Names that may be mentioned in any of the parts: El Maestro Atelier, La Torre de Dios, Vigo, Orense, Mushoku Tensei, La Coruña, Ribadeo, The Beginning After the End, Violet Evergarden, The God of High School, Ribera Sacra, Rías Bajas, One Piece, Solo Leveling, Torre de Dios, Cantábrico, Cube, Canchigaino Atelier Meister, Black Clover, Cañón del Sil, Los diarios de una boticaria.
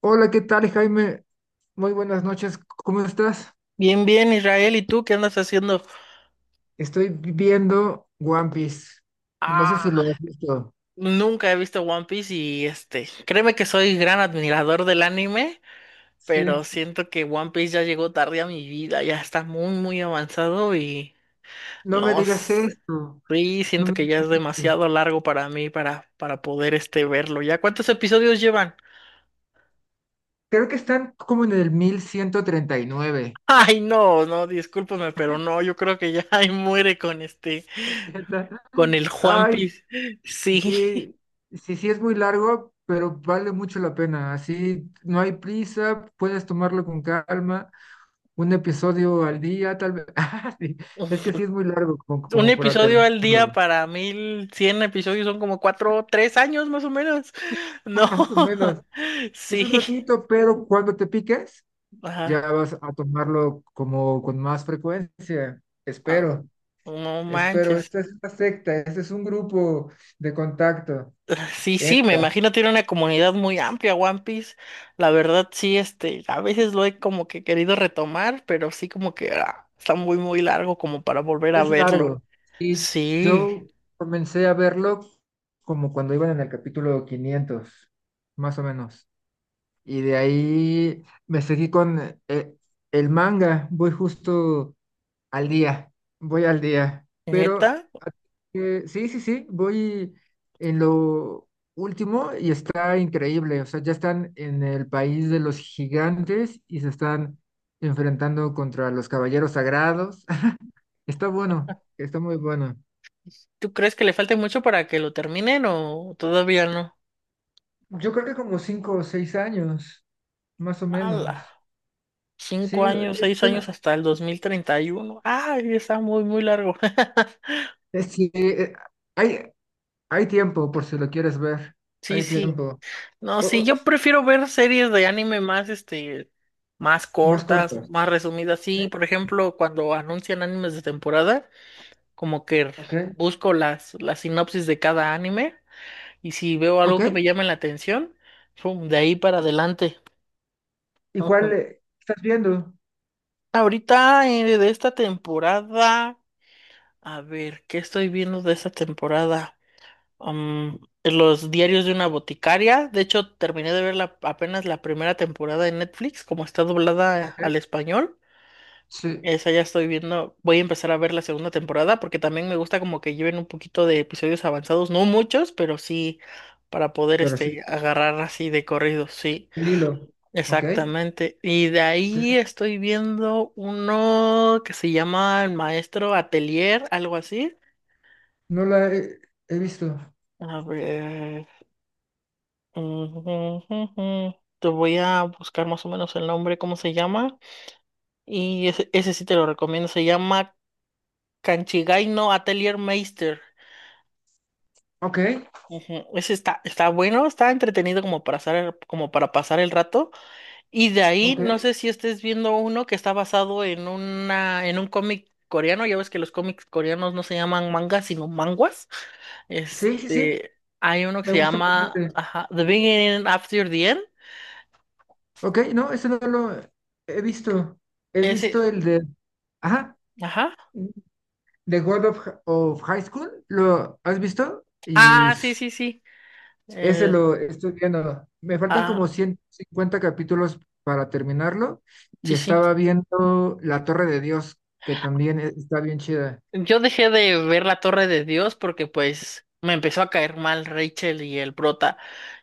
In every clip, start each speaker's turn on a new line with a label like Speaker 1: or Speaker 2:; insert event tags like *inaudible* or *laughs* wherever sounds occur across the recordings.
Speaker 1: Hola, ¿qué tal, Jaime? Muy buenas noches, ¿cómo estás?
Speaker 2: Bien, bien, Israel, ¿y tú qué andas haciendo?
Speaker 1: Estoy viendo One Piece. No sé si
Speaker 2: Ah,
Speaker 1: lo has visto.
Speaker 2: nunca he visto One Piece créeme que soy gran admirador del anime,
Speaker 1: Sí.
Speaker 2: pero siento que One Piece ya llegó tarde a mi vida, ya está muy, muy avanzado y
Speaker 1: No me
Speaker 2: no,
Speaker 1: digas esto.
Speaker 2: sí,
Speaker 1: No
Speaker 2: siento
Speaker 1: me
Speaker 2: que ya
Speaker 1: digas
Speaker 2: es
Speaker 1: eso.
Speaker 2: demasiado largo para mí para poder verlo. ¿Ya cuántos episodios llevan?
Speaker 1: Creo que están como en el 1139.
Speaker 2: *laughs* Ay, no, no, discúlpame, pero no, yo creo que ya *laughs* ahí muere con este,
Speaker 1: *laughs* ¿Neta?
Speaker 2: con el One
Speaker 1: Ay,
Speaker 2: Piece. Sí.
Speaker 1: sí, sí, sí es muy largo, pero vale mucho la pena. Así no hay prisa, puedes tomarlo con calma, un episodio al día, tal vez. *laughs* Ah, sí.
Speaker 2: *laughs*
Speaker 1: Es que sí es muy largo como,
Speaker 2: Un
Speaker 1: como para
Speaker 2: episodio al día
Speaker 1: terminarlo.
Speaker 2: para 1100 episodios son como cuatro, 3 años más o menos. *laughs* No,
Speaker 1: Más o menos.
Speaker 2: *laughs*
Speaker 1: Es un
Speaker 2: sí,
Speaker 1: ratito, pero cuando te piques, ya
Speaker 2: ajá,
Speaker 1: vas a tomarlo como con más frecuencia. Espero,
Speaker 2: no
Speaker 1: espero.
Speaker 2: manches.
Speaker 1: Esta es una secta, este es un grupo de contacto.
Speaker 2: Sí, sí, me
Speaker 1: Entra.
Speaker 2: imagino tiene una comunidad muy amplia One Piece. La verdad, sí, a veces lo he como que querido retomar, pero sí como que ah, está muy, muy largo como para volver a
Speaker 1: Es
Speaker 2: verlo.
Speaker 1: largo. Y
Speaker 2: Sí,
Speaker 1: yo comencé a verlo como cuando iban en el capítulo 500 más o menos. Y de ahí me seguí con eh, el manga. Al día, voy al día, pero
Speaker 2: neta,
Speaker 1: sí, sí, sí, voy en lo último y está increíble. O sea, ya están en el país de los gigantes y se están enfrentando contra los caballeros sagrados. *laughs* Está bueno, está muy bueno.
Speaker 2: ¿tú crees que le falte mucho para que lo terminen o todavía no?
Speaker 1: Yo creo que como 5 o 6 años, más o
Speaker 2: ¡Hala!
Speaker 1: menos. Sí,
Speaker 2: 5 años, 6 años
Speaker 1: está-
Speaker 2: hasta el 2031. Ay, está muy, muy largo. *laughs*
Speaker 1: es que, hay, hay tiempo por si lo quieres ver,
Speaker 2: Sí,
Speaker 1: hay
Speaker 2: sí.
Speaker 1: tiempo.
Speaker 2: No,
Speaker 1: O-
Speaker 2: sí,
Speaker 1: o-
Speaker 2: yo prefiero ver series de anime más, más
Speaker 1: más
Speaker 2: cortas,
Speaker 1: corto.
Speaker 2: más resumidas. Sí, por ejemplo, cuando anuncian animes de temporada, como que
Speaker 1: Ok.
Speaker 2: busco las sinopsis de cada anime y si veo
Speaker 1: Ok.
Speaker 2: algo que me llame la atención, pum, de ahí para adelante.
Speaker 1: ¿Y
Speaker 2: Ujú.
Speaker 1: cuál estás viendo?
Speaker 2: Ahorita, de esta temporada, a ver, ¿qué estoy viendo de esta temporada? um, Los diarios de una boticaria. De hecho, terminé de ver apenas la primera temporada en Netflix, como está doblada
Speaker 1: Ok.
Speaker 2: al español.
Speaker 1: Sí,
Speaker 2: Esa ya estoy viendo. Voy a empezar a ver la segunda temporada porque también me gusta como que lleven un poquito de episodios avanzados, no muchos, pero sí para poder
Speaker 1: pero sí.
Speaker 2: agarrar así de corrido, sí.
Speaker 1: El hilo. Ok.
Speaker 2: Exactamente. Y de
Speaker 1: Ok.
Speaker 2: ahí estoy viendo uno que se llama El Maestro Atelier, algo así.
Speaker 1: No la he visto.
Speaker 2: A ver. Ujú. Te voy a buscar más o menos el nombre, cómo se llama. Y ese sí te lo recomiendo. Se llama Canchigaino Atelier Meister.
Speaker 1: Ok.
Speaker 2: Ujú. Ese está bueno, está entretenido como para pasar, como para pasar el rato. Y de ahí, no
Speaker 1: Ok.
Speaker 2: sé si estés viendo uno que está basado en una, en un cómic coreano. Ya ves que los cómics coreanos no se llaman mangas, sino manguas.
Speaker 1: Sí, sí, sí.
Speaker 2: Hay uno que
Speaker 1: Me
Speaker 2: se
Speaker 1: gusta
Speaker 2: llama,
Speaker 1: bastante.
Speaker 2: ajá, The Beginning After the End.
Speaker 1: Ok. No, ese no lo he visto. He visto
Speaker 2: Ese,
Speaker 1: el de. Ajá.
Speaker 2: ajá.
Speaker 1: The God of High School. ¿Lo has visto? Y
Speaker 2: Ah, sí, sí, sí.
Speaker 1: ese
Speaker 2: El-
Speaker 1: lo estoy viendo. Me faltan
Speaker 2: ah,
Speaker 1: como 150 capítulos para terminarlo y
Speaker 2: sí, sí.
Speaker 1: estaba viendo La Torre de Dios, que también está bien chida.
Speaker 2: Yo dejé de ver la Torre de Dios porque pues me empezó a caer mal Rachel y el prota.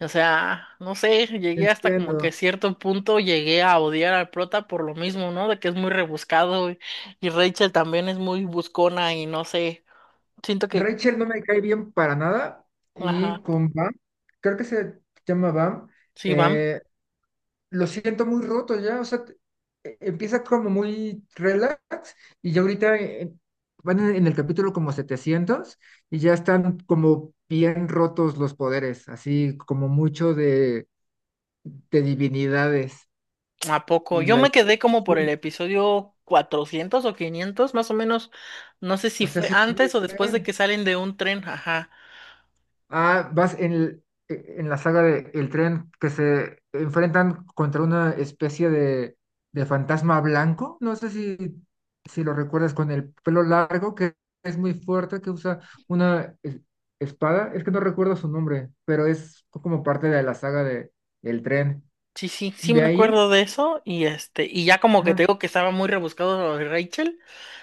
Speaker 2: O sea, no sé, llegué hasta como que
Speaker 1: Entiendo.
Speaker 2: cierto punto llegué a odiar al prota por lo mismo, ¿no? De que es muy rebuscado y Rachel también es muy buscona y no sé. Siento que,
Speaker 1: Rachel no me cae bien para nada y
Speaker 2: ajá,
Speaker 1: con Bam, creo que se llama Bam,
Speaker 2: sí, van.
Speaker 1: eh, lo siento muy roto ya. O sea, empieza como muy relax y ya ahorita van en el capítulo como 700 y ya están como bien rotos los poderes, así como mucho de, divinidades
Speaker 2: ¿A poco?
Speaker 1: y
Speaker 2: Yo
Speaker 1: la...
Speaker 2: me quedé como por el
Speaker 1: sí.
Speaker 2: episodio 400 o 500 más o menos. No sé si
Speaker 1: O sea,
Speaker 2: fue
Speaker 1: sí, muy
Speaker 2: antes o después de que
Speaker 1: bien.
Speaker 2: salen de un tren, ajá.
Speaker 1: Ah, vas en la saga de El Tren que se enfrentan contra una especie de fantasma blanco. No sé si lo recuerdas con el pelo largo, que es muy fuerte, que usa una espada. Es que no recuerdo su nombre, pero es como parte de la saga de El Tren.
Speaker 2: Sí, sí, sí
Speaker 1: De
Speaker 2: me
Speaker 1: ahí,
Speaker 2: acuerdo de eso y y ya como que te
Speaker 1: ajá,
Speaker 2: digo que estaba muy rebuscado lo de Rachel,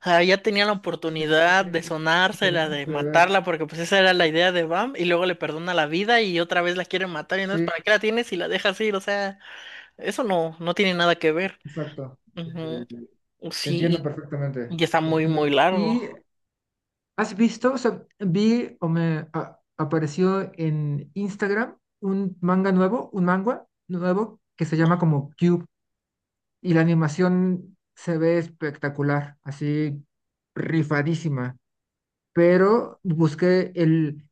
Speaker 2: ah, ya tenía la
Speaker 1: sí,
Speaker 2: oportunidad de
Speaker 1: lo
Speaker 2: sonársela, de
Speaker 1: dejaste de ver.
Speaker 2: matarla, porque pues esa era la idea de Bam, y luego le perdona la vida y otra vez la quieren matar, y no es
Speaker 1: Sí,
Speaker 2: para qué la tienes si la dejas ir, o sea, eso no, no tiene nada que ver.
Speaker 1: exacto.
Speaker 2: Ujú.
Speaker 1: Eh, Te entiendo
Speaker 2: Sí, y,
Speaker 1: perfectamente.
Speaker 2: y está
Speaker 1: Lo
Speaker 2: muy,
Speaker 1: entiendo.
Speaker 2: muy largo.
Speaker 1: Y ¿has visto? O sea, vi o me apareció en Instagram un manga nuevo que se llama como Cube, y la animación se ve espectacular, así rifadísima. Pero busqué el,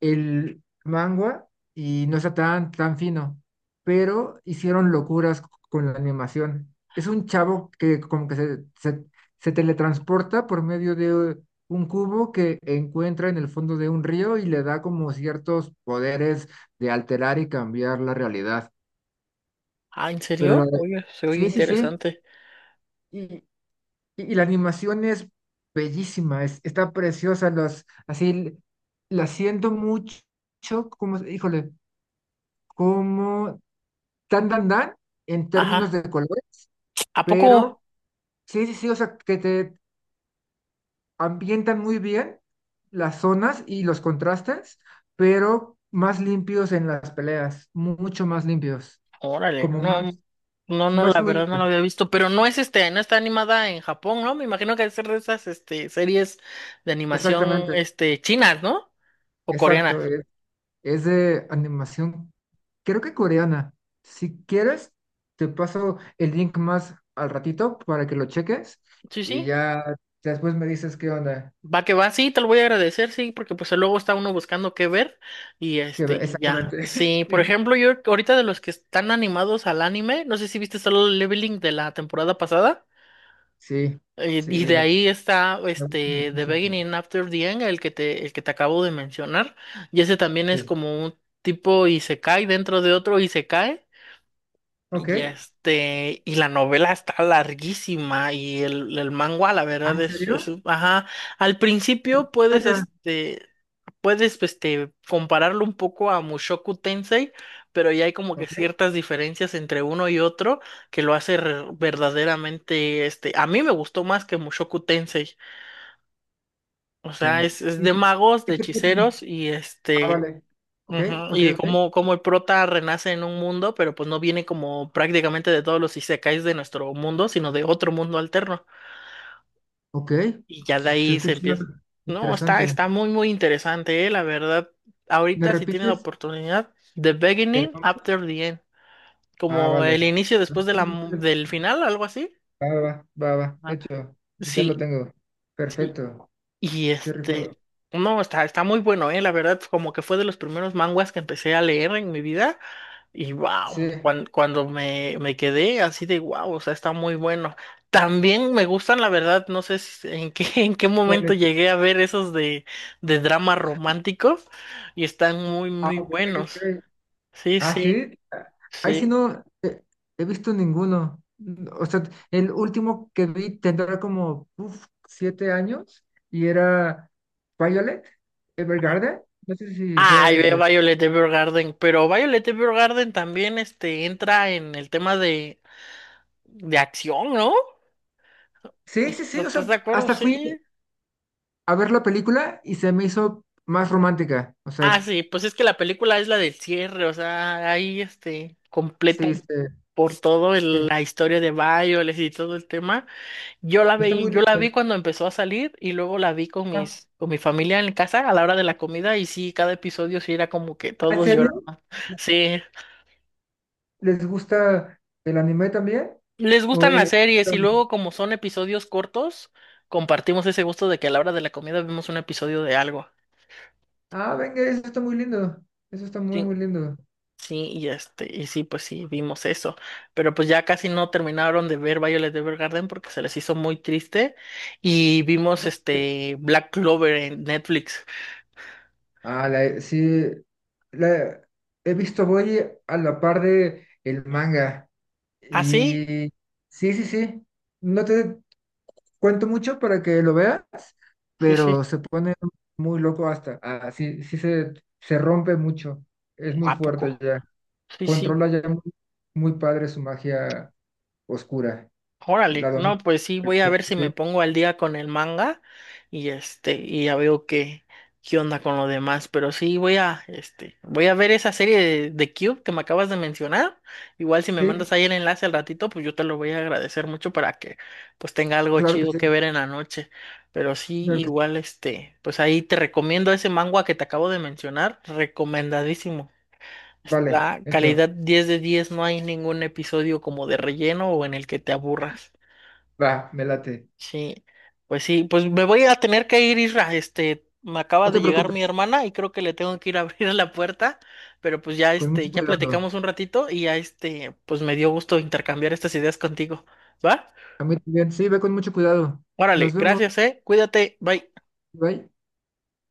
Speaker 1: el manga y no está tan, tan fino, pero hicieron locuras con la animación. Es un chavo que como que se teletransporta por medio de un cubo que encuentra en el fondo de un río y le da como ciertos poderes de alterar y cambiar la realidad.
Speaker 2: Ah, ¿en
Speaker 1: Pero la,
Speaker 2: serio? Oye, se oye
Speaker 1: sí, sí, sí.
Speaker 2: interesante.
Speaker 1: Y, y la animación es bellísima, está preciosa, así la siento mucho, como, híjole, como tan dan dan en términos
Speaker 2: Ajá.
Speaker 1: de colores,
Speaker 2: ¿A poco?
Speaker 1: pero sí, sí, sí. O sea, que te ambientan muy bien las zonas y los contrastes, pero más limpios en las peleas, mucho más limpios,
Speaker 2: Órale,
Speaker 1: como
Speaker 2: no,
Speaker 1: más,
Speaker 2: no, no,
Speaker 1: más
Speaker 2: la verdad no la
Speaker 1: fluidas.
Speaker 2: había visto, pero no está animada en Japón, ¿no? Me imagino que debe ser de esas series de animación
Speaker 1: Exactamente,
Speaker 2: chinas, ¿no? O coreanas.
Speaker 1: exacto. Es de animación, creo que coreana. Si quieres, te paso el link más al ratito para que lo cheques
Speaker 2: Sí,
Speaker 1: y
Speaker 2: sí.
Speaker 1: ya después me dices qué onda.
Speaker 2: Va que va, sí, te lo voy a agradecer, sí, porque pues luego está uno buscando qué ver y y ya.
Speaker 1: Exactamente.
Speaker 2: Sí, por
Speaker 1: *laughs*
Speaker 2: ejemplo, yo ahorita de los que están animados al anime, no sé si viste Solo Leveling de la temporada pasada.
Speaker 1: Sí,
Speaker 2: Y
Speaker 1: sí, sí,
Speaker 2: de
Speaker 1: me,
Speaker 2: ahí está
Speaker 1: me gusta
Speaker 2: este The
Speaker 1: muchísimo.
Speaker 2: Beginning After the End, el que te acabo de mencionar. Y ese también es
Speaker 1: Sí.
Speaker 2: como un tipo y se cae dentro de otro y se cae y
Speaker 1: Ok.
Speaker 2: este, y la novela está larguísima y el manga, la
Speaker 1: Ah,
Speaker 2: verdad,
Speaker 1: ¿en serio?
Speaker 2: ajá, al
Speaker 1: ¿Y de
Speaker 2: principio
Speaker 1: qué trata?
Speaker 2: compararlo un poco a Mushoku Tensei, pero ya hay como que
Speaker 1: Ok.
Speaker 2: ciertas diferencias entre uno y otro que lo hace verdaderamente, a mí me gustó más que Mushoku Tensei, o sea, es
Speaker 1: ¿Y
Speaker 2: de
Speaker 1: de
Speaker 2: magos,
Speaker 1: qué
Speaker 2: de
Speaker 1: trata?
Speaker 2: hechiceros
Speaker 1: Ah, vale. Ok,
Speaker 2: Ujú.
Speaker 1: ok,
Speaker 2: Y
Speaker 1: ok.
Speaker 2: como el prota renace en un mundo, pero pues no viene como prácticamente de todos los isekais de nuestro mundo, sino de otro mundo alterno.
Speaker 1: Ok.
Speaker 2: Y ya
Speaker 1: Se,
Speaker 2: de
Speaker 1: se
Speaker 2: ahí se
Speaker 1: escucha
Speaker 2: empieza. No, está,
Speaker 1: interesante.
Speaker 2: está muy, muy interesante, la verdad.
Speaker 1: ¿Me
Speaker 2: Ahorita si tiene la
Speaker 1: repites
Speaker 2: oportunidad, The
Speaker 1: el
Speaker 2: Beginning
Speaker 1: nombre?
Speaker 2: After the End,
Speaker 1: Ah,
Speaker 2: como el
Speaker 1: vale.
Speaker 2: inicio después
Speaker 1: Ah,
Speaker 2: de
Speaker 1: sí, sí.
Speaker 2: del final, algo así.
Speaker 1: Va, va, va, va.
Speaker 2: Ajá.
Speaker 1: Hecho. Ya lo
Speaker 2: Sí,
Speaker 1: tengo.
Speaker 2: sí.
Speaker 1: Perfecto.
Speaker 2: Y
Speaker 1: Qué rifado.
Speaker 2: no, está muy bueno, la verdad, como que fue de los primeros manguas que empecé a leer en mi vida. Y
Speaker 1: Sí.
Speaker 2: wow, cuando me quedé así de wow, o sea, está muy bueno. También me gustan, la verdad, no sé *laughs* en qué
Speaker 1: ¿Cuál
Speaker 2: momento
Speaker 1: es?
Speaker 2: llegué a ver esos de dramas románticos y están muy,
Speaker 1: Ah,
Speaker 2: muy
Speaker 1: ok,
Speaker 2: buenos.
Speaker 1: ok.
Speaker 2: Sí,
Speaker 1: Ah,
Speaker 2: sí,
Speaker 1: sí. Ah, ahí sí
Speaker 2: sí.
Speaker 1: no he visto ninguno. O sea, el último que vi tendrá como uf, 7 años y era Violet
Speaker 2: Ajá.
Speaker 1: Evergarden. No sé si sea
Speaker 2: Ay, ve
Speaker 1: ese.
Speaker 2: Violet Evergarden, pero Violet Evergarden también entra en el tema de, acción, ¿no?
Speaker 1: Sí, sí, sí.
Speaker 2: ¿Estás
Speaker 1: O
Speaker 2: estás
Speaker 1: sea,
Speaker 2: de acuerdo?
Speaker 1: hasta
Speaker 2: Sí.
Speaker 1: fui a ver la película y se me hizo más romántica. O sea,
Speaker 2: Ah, sí, pues es que la película es la del cierre, o sea, ahí completa.
Speaker 1: sí, sí,
Speaker 2: Por todo
Speaker 1: sí.
Speaker 2: la historia de Bioles y todo el tema. Yo la
Speaker 1: Está
Speaker 2: vi,
Speaker 1: muy
Speaker 2: yo la
Speaker 1: linda.
Speaker 2: vi cuando empezó a salir y luego la vi con
Speaker 1: Ah,
Speaker 2: mis, con mi familia en casa a la hora de la comida y sí, cada episodio sí era como que
Speaker 1: ¿en
Speaker 2: todos lloran.
Speaker 1: serio?
Speaker 2: Sí,
Speaker 1: ¿Les gusta el anime también?
Speaker 2: les
Speaker 1: ¿O
Speaker 2: gustan las
Speaker 1: es-
Speaker 2: series y luego como son episodios cortos, compartimos ese gusto de que a la hora de la comida vemos un episodio de algo.
Speaker 1: Ah, venga, eso está muy lindo. Eso está muy,
Speaker 2: Sí.
Speaker 1: muy lindo.
Speaker 2: Sí, y sí, pues sí, vimos eso. Pero pues ya casi no terminaron de ver Violet Evergarden porque se les hizo muy triste. Y vimos
Speaker 1: *laughs*
Speaker 2: Black Clover en Netflix.
Speaker 1: Ah, sí, la he visto, voy a la par de el manga.
Speaker 2: Ah, sí,
Speaker 1: Y sí, sí, sí. No te cuento mucho para que lo veas,
Speaker 2: sí,
Speaker 1: pero
Speaker 2: sí.
Speaker 1: se pone muy loco hasta. Ah, sí, sí se rompe mucho. Es muy
Speaker 2: ¿A
Speaker 1: fuerte
Speaker 2: poco?
Speaker 1: ya.
Speaker 2: Sí, sí.
Speaker 1: Controla ya muy, muy padre su magia oscura.
Speaker 2: Órale,
Speaker 1: La
Speaker 2: no,
Speaker 1: domina.
Speaker 2: pues sí, voy a ver si
Speaker 1: Sí,
Speaker 2: me pongo al día con el manga y y ya veo qué, onda con lo demás, pero sí voy a ver esa serie de Cube que me acabas de mencionar. Igual si me mandas
Speaker 1: sí,
Speaker 2: ahí el enlace al ratito, pues yo te lo voy a agradecer mucho para que pues tenga algo
Speaker 1: claro que
Speaker 2: chido
Speaker 1: sí.
Speaker 2: que ver en la noche. Pero sí,
Speaker 1: Claro que sí.
Speaker 2: igual pues ahí te recomiendo ese manga que te acabo de mencionar, recomendadísimo.
Speaker 1: Vale,
Speaker 2: Está
Speaker 1: hecho.
Speaker 2: calidad 10 de 10, no hay ningún episodio como de relleno o en el que te aburras.
Speaker 1: Va, me late.
Speaker 2: Sí, sí, pues me voy a tener que ir, Isra. Me acaba
Speaker 1: No
Speaker 2: de
Speaker 1: te
Speaker 2: llegar mi
Speaker 1: preocupes,
Speaker 2: hermana y creo que le tengo que ir a *laughs* abrir la puerta, pero pues ya
Speaker 1: con mucho
Speaker 2: ya
Speaker 1: cuidado.
Speaker 2: platicamos un ratito y ya pues me dio gusto intercambiar estas ideas contigo. ¿Va?
Speaker 1: A mí también. Sí, ve con mucho cuidado. Nos
Speaker 2: Órale,
Speaker 1: vemos.
Speaker 2: gracias, eh. Cuídate, bye.
Speaker 1: Bye.